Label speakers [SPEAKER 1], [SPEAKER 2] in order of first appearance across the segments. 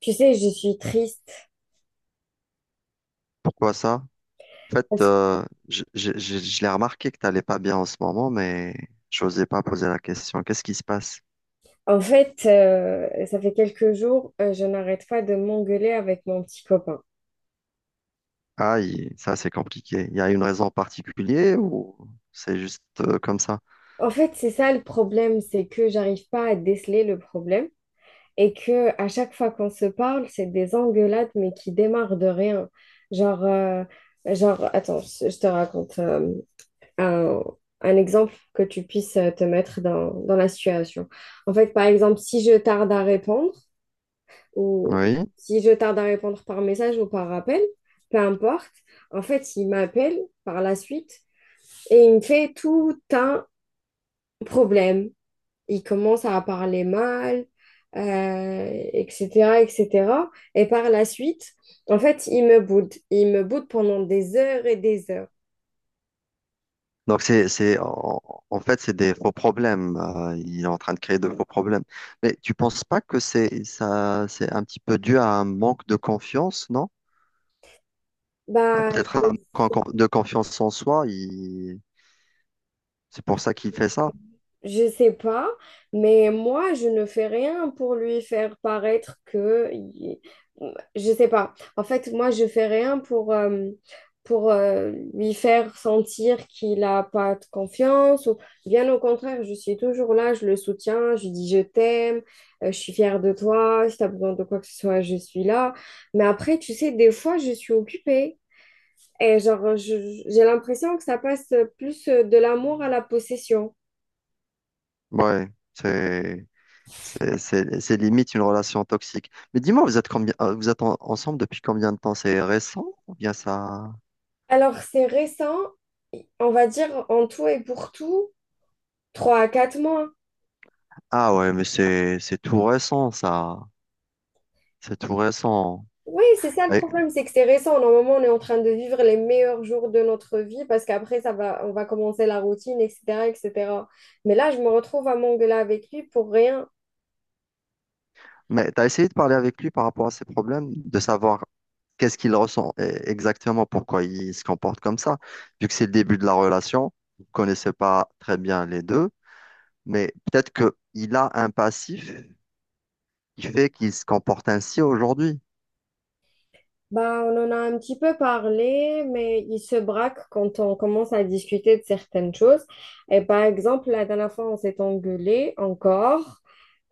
[SPEAKER 1] Tu sais, je suis triste.
[SPEAKER 2] Pourquoi ça? En fait,
[SPEAKER 1] Parce-
[SPEAKER 2] je l'ai remarqué que t'allais pas bien en ce moment, mais je n'osais pas poser la question. Qu'est-ce qui se passe?
[SPEAKER 1] Ça fait quelques jours, je n'arrête pas de m'engueuler avec mon petit copain.
[SPEAKER 2] Aïe, ça c'est compliqué. Il y a une raison particulière ou c'est juste comme ça?
[SPEAKER 1] En fait, c'est ça le problème, c'est que j'arrive pas à déceler le problème et que à chaque fois qu'on se parle, c'est des engueulades mais qui démarrent de rien. Genre, euh, attends, je te raconte un, un exemple que tu puisses te mettre dans la situation. En fait, par exemple, si je tarde à répondre. Ou
[SPEAKER 2] Oui.
[SPEAKER 1] si je tarde à répondre par message ou par appel, peu importe, en fait, il m'appelle par la suite et il me fait tout un problème. Il commence à parler mal, etc., etc. Et cetera. Et par la suite, en fait, il me boude. Il me boude pendant des heures et des heures.
[SPEAKER 2] Donc en fait, c'est des faux problèmes. Il est en train de créer de faux problèmes. Mais tu penses pas que c'est un petit peu dû à un manque de confiance, non? Ah,
[SPEAKER 1] Bah,
[SPEAKER 2] peut-être
[SPEAKER 1] je-
[SPEAKER 2] un de confiance en soi. C'est pour ça qu'il fait ça.
[SPEAKER 1] Je sais pas, mais moi, je ne fais rien pour lui faire paraître que... Je sais pas. En fait, moi, je fais rien pour, lui faire sentir qu'il n'a pas de confiance. Ou... Bien au contraire, je suis toujours là, je le soutiens, je lui dis je t'aime, je suis fière de toi, si tu as besoin de quoi que ce soit, je suis là. Mais après, tu sais, des fois, je suis occupée. Et j'ai l'impression que ça passe plus de l'amour à la possession.
[SPEAKER 2] Ouais, c'est. C'est limite une relation toxique. Mais dis-moi, vous êtes ensemble depuis combien de temps? C'est récent ou bien ça?
[SPEAKER 1] Alors, c'est récent, on va dire en tout et pour tout, 3 à 4 mois.
[SPEAKER 2] Ah ouais, mais c'est tout récent ça. C'est tout récent.
[SPEAKER 1] Oui, c'est ça le
[SPEAKER 2] Et-
[SPEAKER 1] problème, c'est que c'est récent. Normalement, on est en train de vivre les meilleurs jours de notre vie parce qu'après, ça va, on va commencer la routine, etc., etc. Mais là, je me retrouve à m'engueuler avec lui pour rien.
[SPEAKER 2] mais t'as essayé de parler avec lui par rapport à ses problèmes, de savoir qu'est-ce qu'il ressent exactement, pourquoi il se comporte comme ça. Vu que c'est le début de la relation, vous ne connaissez pas très bien les deux, mais peut-être que il a un passif qui fait qu'il se comporte ainsi aujourd'hui.
[SPEAKER 1] Bah, on en a un petit peu parlé, mais il se braque quand on commence à discuter de certaines choses. Et par exemple, la dernière fois, on s'est engueulé encore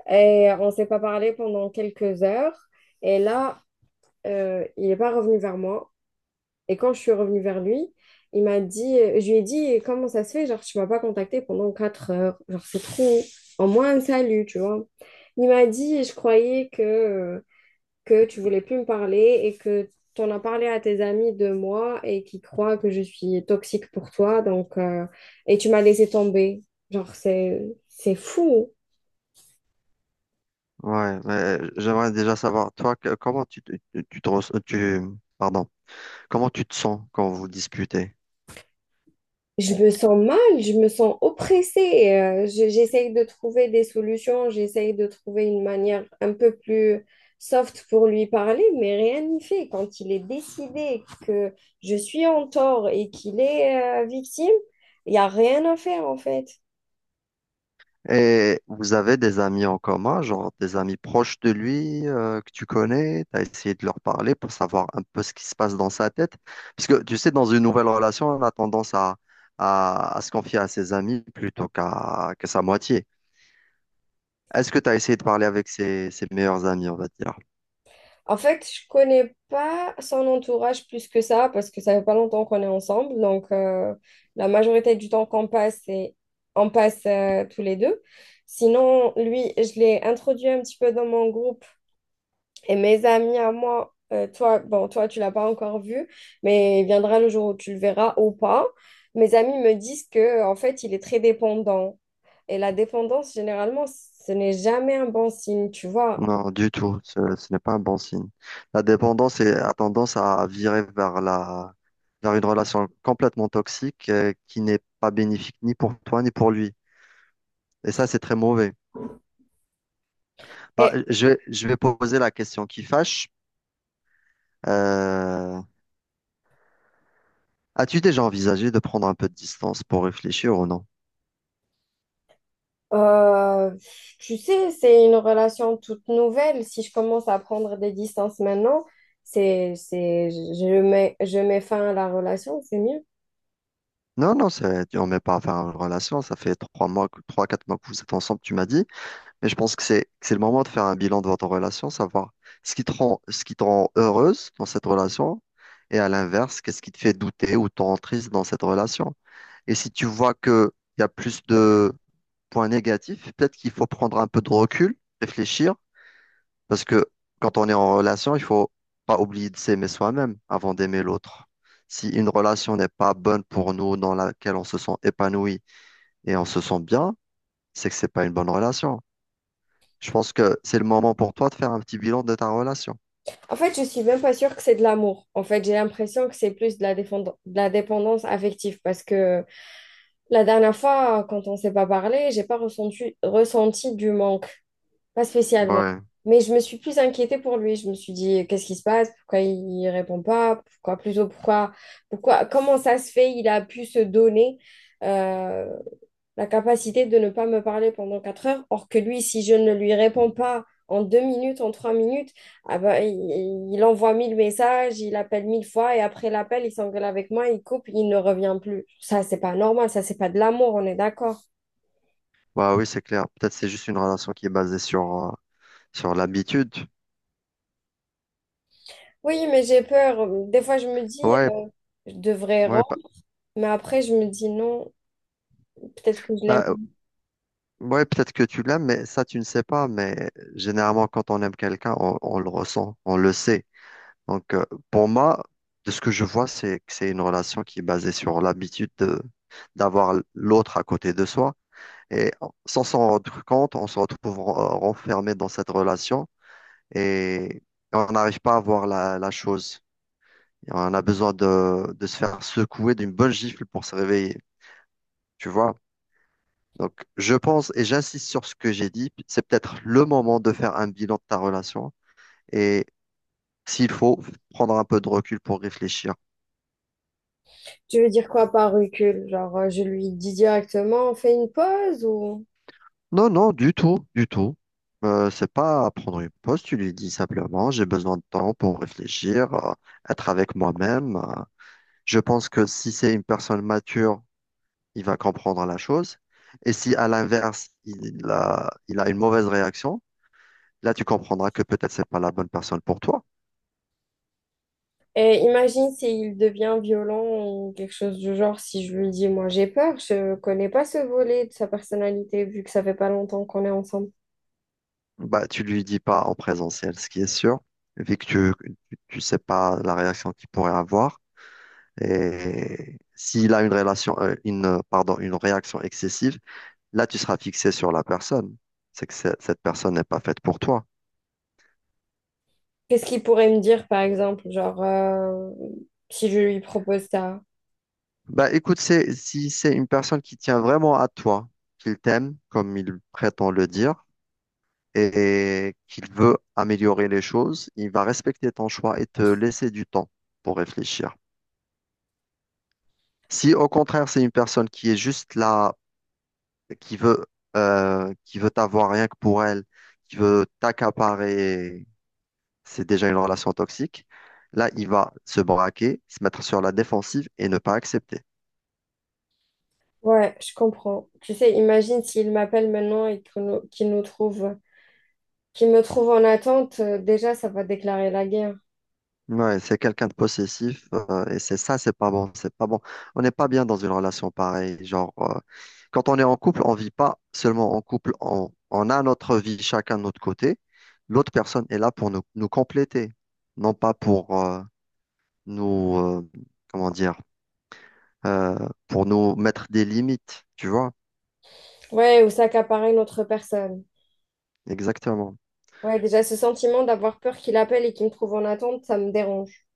[SPEAKER 1] et on s'est pas parlé pendant quelques heures. Et là, il n'est pas revenu vers moi. Et quand je suis revenue vers lui, je lui ai dit, comment ça se fait? Genre, tu ne m'as pas contacté pendant 4 heures. Genre, c'est trop. En moins un salut, tu vois. Il m'a dit, que tu ne voulais plus me parler et que tu en as parlé à tes amis de moi et qui croient que je suis toxique pour toi. Et tu m'as laissé tomber. Genre, c'est, c'est fou.
[SPEAKER 2] Ouais, mais j'aimerais déjà savoir, toi, que- comment tu, te- tu te res- tu- pardon, comment tu te sens quand vous disputez?
[SPEAKER 1] Je me sens mal, je me sens oppressée. J'essaye de trouver des solutions, j'essaye de trouver une manière un peu plus soft pour lui parler, mais rien n'y fait. Quand il est décidé que je suis en tort et qu'il est victime, il n'y a rien à faire en fait.
[SPEAKER 2] Et vous avez des amis en commun, genre des amis proches de lui que tu connais, tu as essayé de leur parler pour savoir un peu ce qui se passe dans sa tête. Parce que tu sais, dans une nouvelle relation, on a tendance à se confier à ses amis plutôt qu'à que sa moitié. Est-ce que tu as essayé de parler avec ses meilleurs amis, on va dire?
[SPEAKER 1] En fait, je connais pas son entourage plus que ça parce que ça fait pas longtemps qu'on est ensemble. La majorité du temps qu'on passe, c'est on passe tous les deux. Sinon, lui, je l'ai introduit un petit peu dans mon groupe et mes amis à moi. Toi, bon, toi, tu l'as pas encore vu, mais il viendra le jour où tu le verras ou pas. Mes amis me disent que, en fait, il est très dépendant. Et la dépendance, généralement, ce n'est jamais un bon signe, tu vois.
[SPEAKER 2] Non, du tout. Ce n'est pas un bon signe. La dépendance a tendance à virer vers vers une relation complètement toxique qui n'est pas bénéfique ni pour toi ni pour lui. Et ça, c'est très mauvais. Bah,
[SPEAKER 1] Et
[SPEAKER 2] je vais poser la question qui fâche. Euh, as-tu déjà envisagé de prendre un peu de distance pour réfléchir ou non?
[SPEAKER 1] Euh, Tu sais, c'est une relation toute nouvelle. Si je commence à prendre des distances maintenant, je mets fin à la relation, c'est mieux.
[SPEAKER 2] Non, non, c'est, on met pas à faire une relation. Ça fait trois, quatre mois que vous êtes ensemble, tu m'as dit. Et je pense que c'est le moment de faire un bilan de votre relation, savoir ce qui te rend heureuse dans cette relation et à l'inverse, qu'est-ce qui te fait douter ou te rend triste dans cette relation. Et si tu vois qu'il y a plus de points négatifs, peut-être qu'il faut prendre un peu de recul, réfléchir, parce que quand on est en relation, il faut pas oublier de s'aimer soi-même avant d'aimer l'autre. Si une relation n'est pas bonne pour nous, dans laquelle on se sent épanoui et on se sent bien, c'est que c'est pas une bonne relation. Je pense que c'est le moment pour toi de faire un petit bilan de ta relation.
[SPEAKER 1] En fait, je suis même pas sûre que c'est de l'amour. En fait, j'ai l'impression que c'est plus de la dépendance affective parce que la dernière fois, quand on s'est pas parlé, j'ai pas ressenti, ressenti du manque. Pas spécialement.
[SPEAKER 2] Ouais,
[SPEAKER 1] Mais je me suis plus inquiétée pour lui. Je me suis dit, qu'est-ce qui se passe? Pourquoi il répond pas? Pourquoi comment ça se fait? Il a pu se donner euh, la capacité de ne pas me parler pendant 4 heures. Or que lui, si je ne lui réponds pas en 2 minutes, en 3 minutes, ah bah, il envoie 1000 messages, il appelle 1000 fois et après l'appel, il s'engueule avec moi, il coupe, il ne revient plus. Ça, c'est pas normal. Ça, c'est pas de l'amour. On est d'accord.
[SPEAKER 2] bah oui, c'est clair. Peut-être c'est juste une relation qui est basée sur, sur l'habitude.
[SPEAKER 1] Oui, mais j'ai peur. Des fois, je me dis,
[SPEAKER 2] Ouais,
[SPEAKER 1] je devrais
[SPEAKER 2] ouais, pa-
[SPEAKER 1] Mais après, je me dis non, peut-être que je l'aime.
[SPEAKER 2] bah, ouais, peut-être que tu l'aimes, mais ça, tu ne sais pas. Mais généralement, quand on aime quelqu'un, on le ressent, on le sait. Donc, pour moi, de ce que je vois, c'est que c'est une relation qui est basée sur l'habitude d'avoir l'autre à côté de soi. Et sans s'en rendre compte, on se retrouve renfermé dans cette relation. Et on n'arrive pas à voir la chose. Et on a besoin de se faire secouer d'une bonne gifle pour se réveiller, tu vois. Donc, je pense et j'insiste sur ce que j'ai dit, c'est peut-être le moment de faire un bilan de ta relation et s'il faut, prendre un peu de recul pour réfléchir.
[SPEAKER 1] Tu veux dire quoi par recul? Je lui dis directement, on fait une pause ou...
[SPEAKER 2] Non, non, du tout, du tout. C'est pas à prendre une pause, tu lui dis simplement, j'ai besoin de temps pour réfléchir, être avec moi-même. Je pense que si c'est une personne mature, il va comprendre la chose. Et si à l'inverse, il a une mauvaise réaction, là, tu comprendras que peut-être c'est pas la bonne personne pour toi.
[SPEAKER 1] Et imagine s'il devient violent ou quelque chose du genre, si je lui dis, moi j'ai peur, je connais pas ce volet de sa personnalité vu que ça fait pas longtemps qu'on est ensemble.
[SPEAKER 2] Bah, tu lui dis pas en présentiel, ce qui est sûr, vu que tu sais pas la réaction qu'il pourrait avoir. Et s'il a une pardon, une réaction excessive, là, tu seras fixé sur la personne. Cette personne n'est pas faite pour toi.
[SPEAKER 1] Qu'est-ce qu'il pourrait me dire par exemple, si je lui propose ça?
[SPEAKER 2] Bah écoute, c'est, si c'est une personne qui tient vraiment à toi, qu'il t'aime, comme il prétend le dire, et qu'il veut améliorer les choses, il va respecter ton choix et te laisser du temps pour réfléchir. Si au contraire, c'est une personne qui est juste là, qui veut, qui veut t'avoir rien que pour elle, qui veut t'accaparer, c'est déjà une relation toxique, là, il va se braquer, se mettre sur la défensive et ne pas accepter.
[SPEAKER 1] Ouais, je comprends. Tu sais, imagine s'il m'appelle maintenant et qu'il nous trouve qui me trouve en attente, déjà, ça va déclarer la guerre.
[SPEAKER 2] Ouais, c'est quelqu'un de possessif et c'est ça, c'est pas bon, c'est pas bon. On n'est pas bien dans une relation pareille. Genre, quand on est en couple, on vit pas seulement en couple, on a notre vie chacun de notre côté. L'autre personne est là pour nous, nous compléter, non pas pour nous, euh, comment dire, euh, pour nous mettre des limites, tu vois,
[SPEAKER 1] Ouais, ou s'accaparer une autre personne.
[SPEAKER 2] exactement.
[SPEAKER 1] Ouais, déjà, ce sentiment d'avoir peur qu'il appelle et qu'il me trouve en attente, ça me dérange.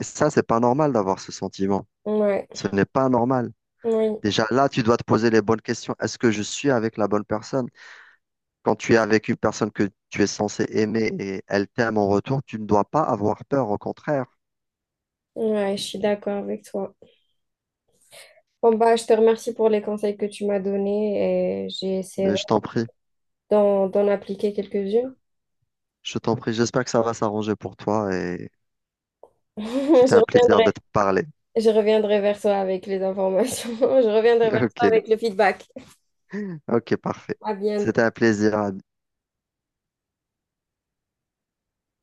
[SPEAKER 2] Et ça, c'est pas normal d'avoir ce sentiment.
[SPEAKER 1] Ouais,
[SPEAKER 2] Ce n'est pas normal.
[SPEAKER 1] oui,
[SPEAKER 2] Déjà là, tu dois te poser les bonnes questions. Est-ce que je suis avec la bonne personne? Quand tu es avec une personne que tu es censé aimer et elle t'aime en retour, tu ne dois pas avoir peur, au contraire.
[SPEAKER 1] ouais, je suis d'accord avec toi. Bon, bah, je te remercie pour les conseils que tu m'as donnés et j'ai essayé
[SPEAKER 2] Mais
[SPEAKER 1] d'en appliquer quelques-unes.
[SPEAKER 2] je t'en prie, j'espère que ça va s'arranger pour toi et c'était
[SPEAKER 1] Je
[SPEAKER 2] un plaisir de
[SPEAKER 1] reviendrai.
[SPEAKER 2] te parler.
[SPEAKER 1] Je reviendrai vers toi avec les informations. Je reviendrai vers
[SPEAKER 2] Ok,
[SPEAKER 1] toi avec le feedback.
[SPEAKER 2] ok, parfait.
[SPEAKER 1] À bientôt.
[SPEAKER 2] C'était un plaisir.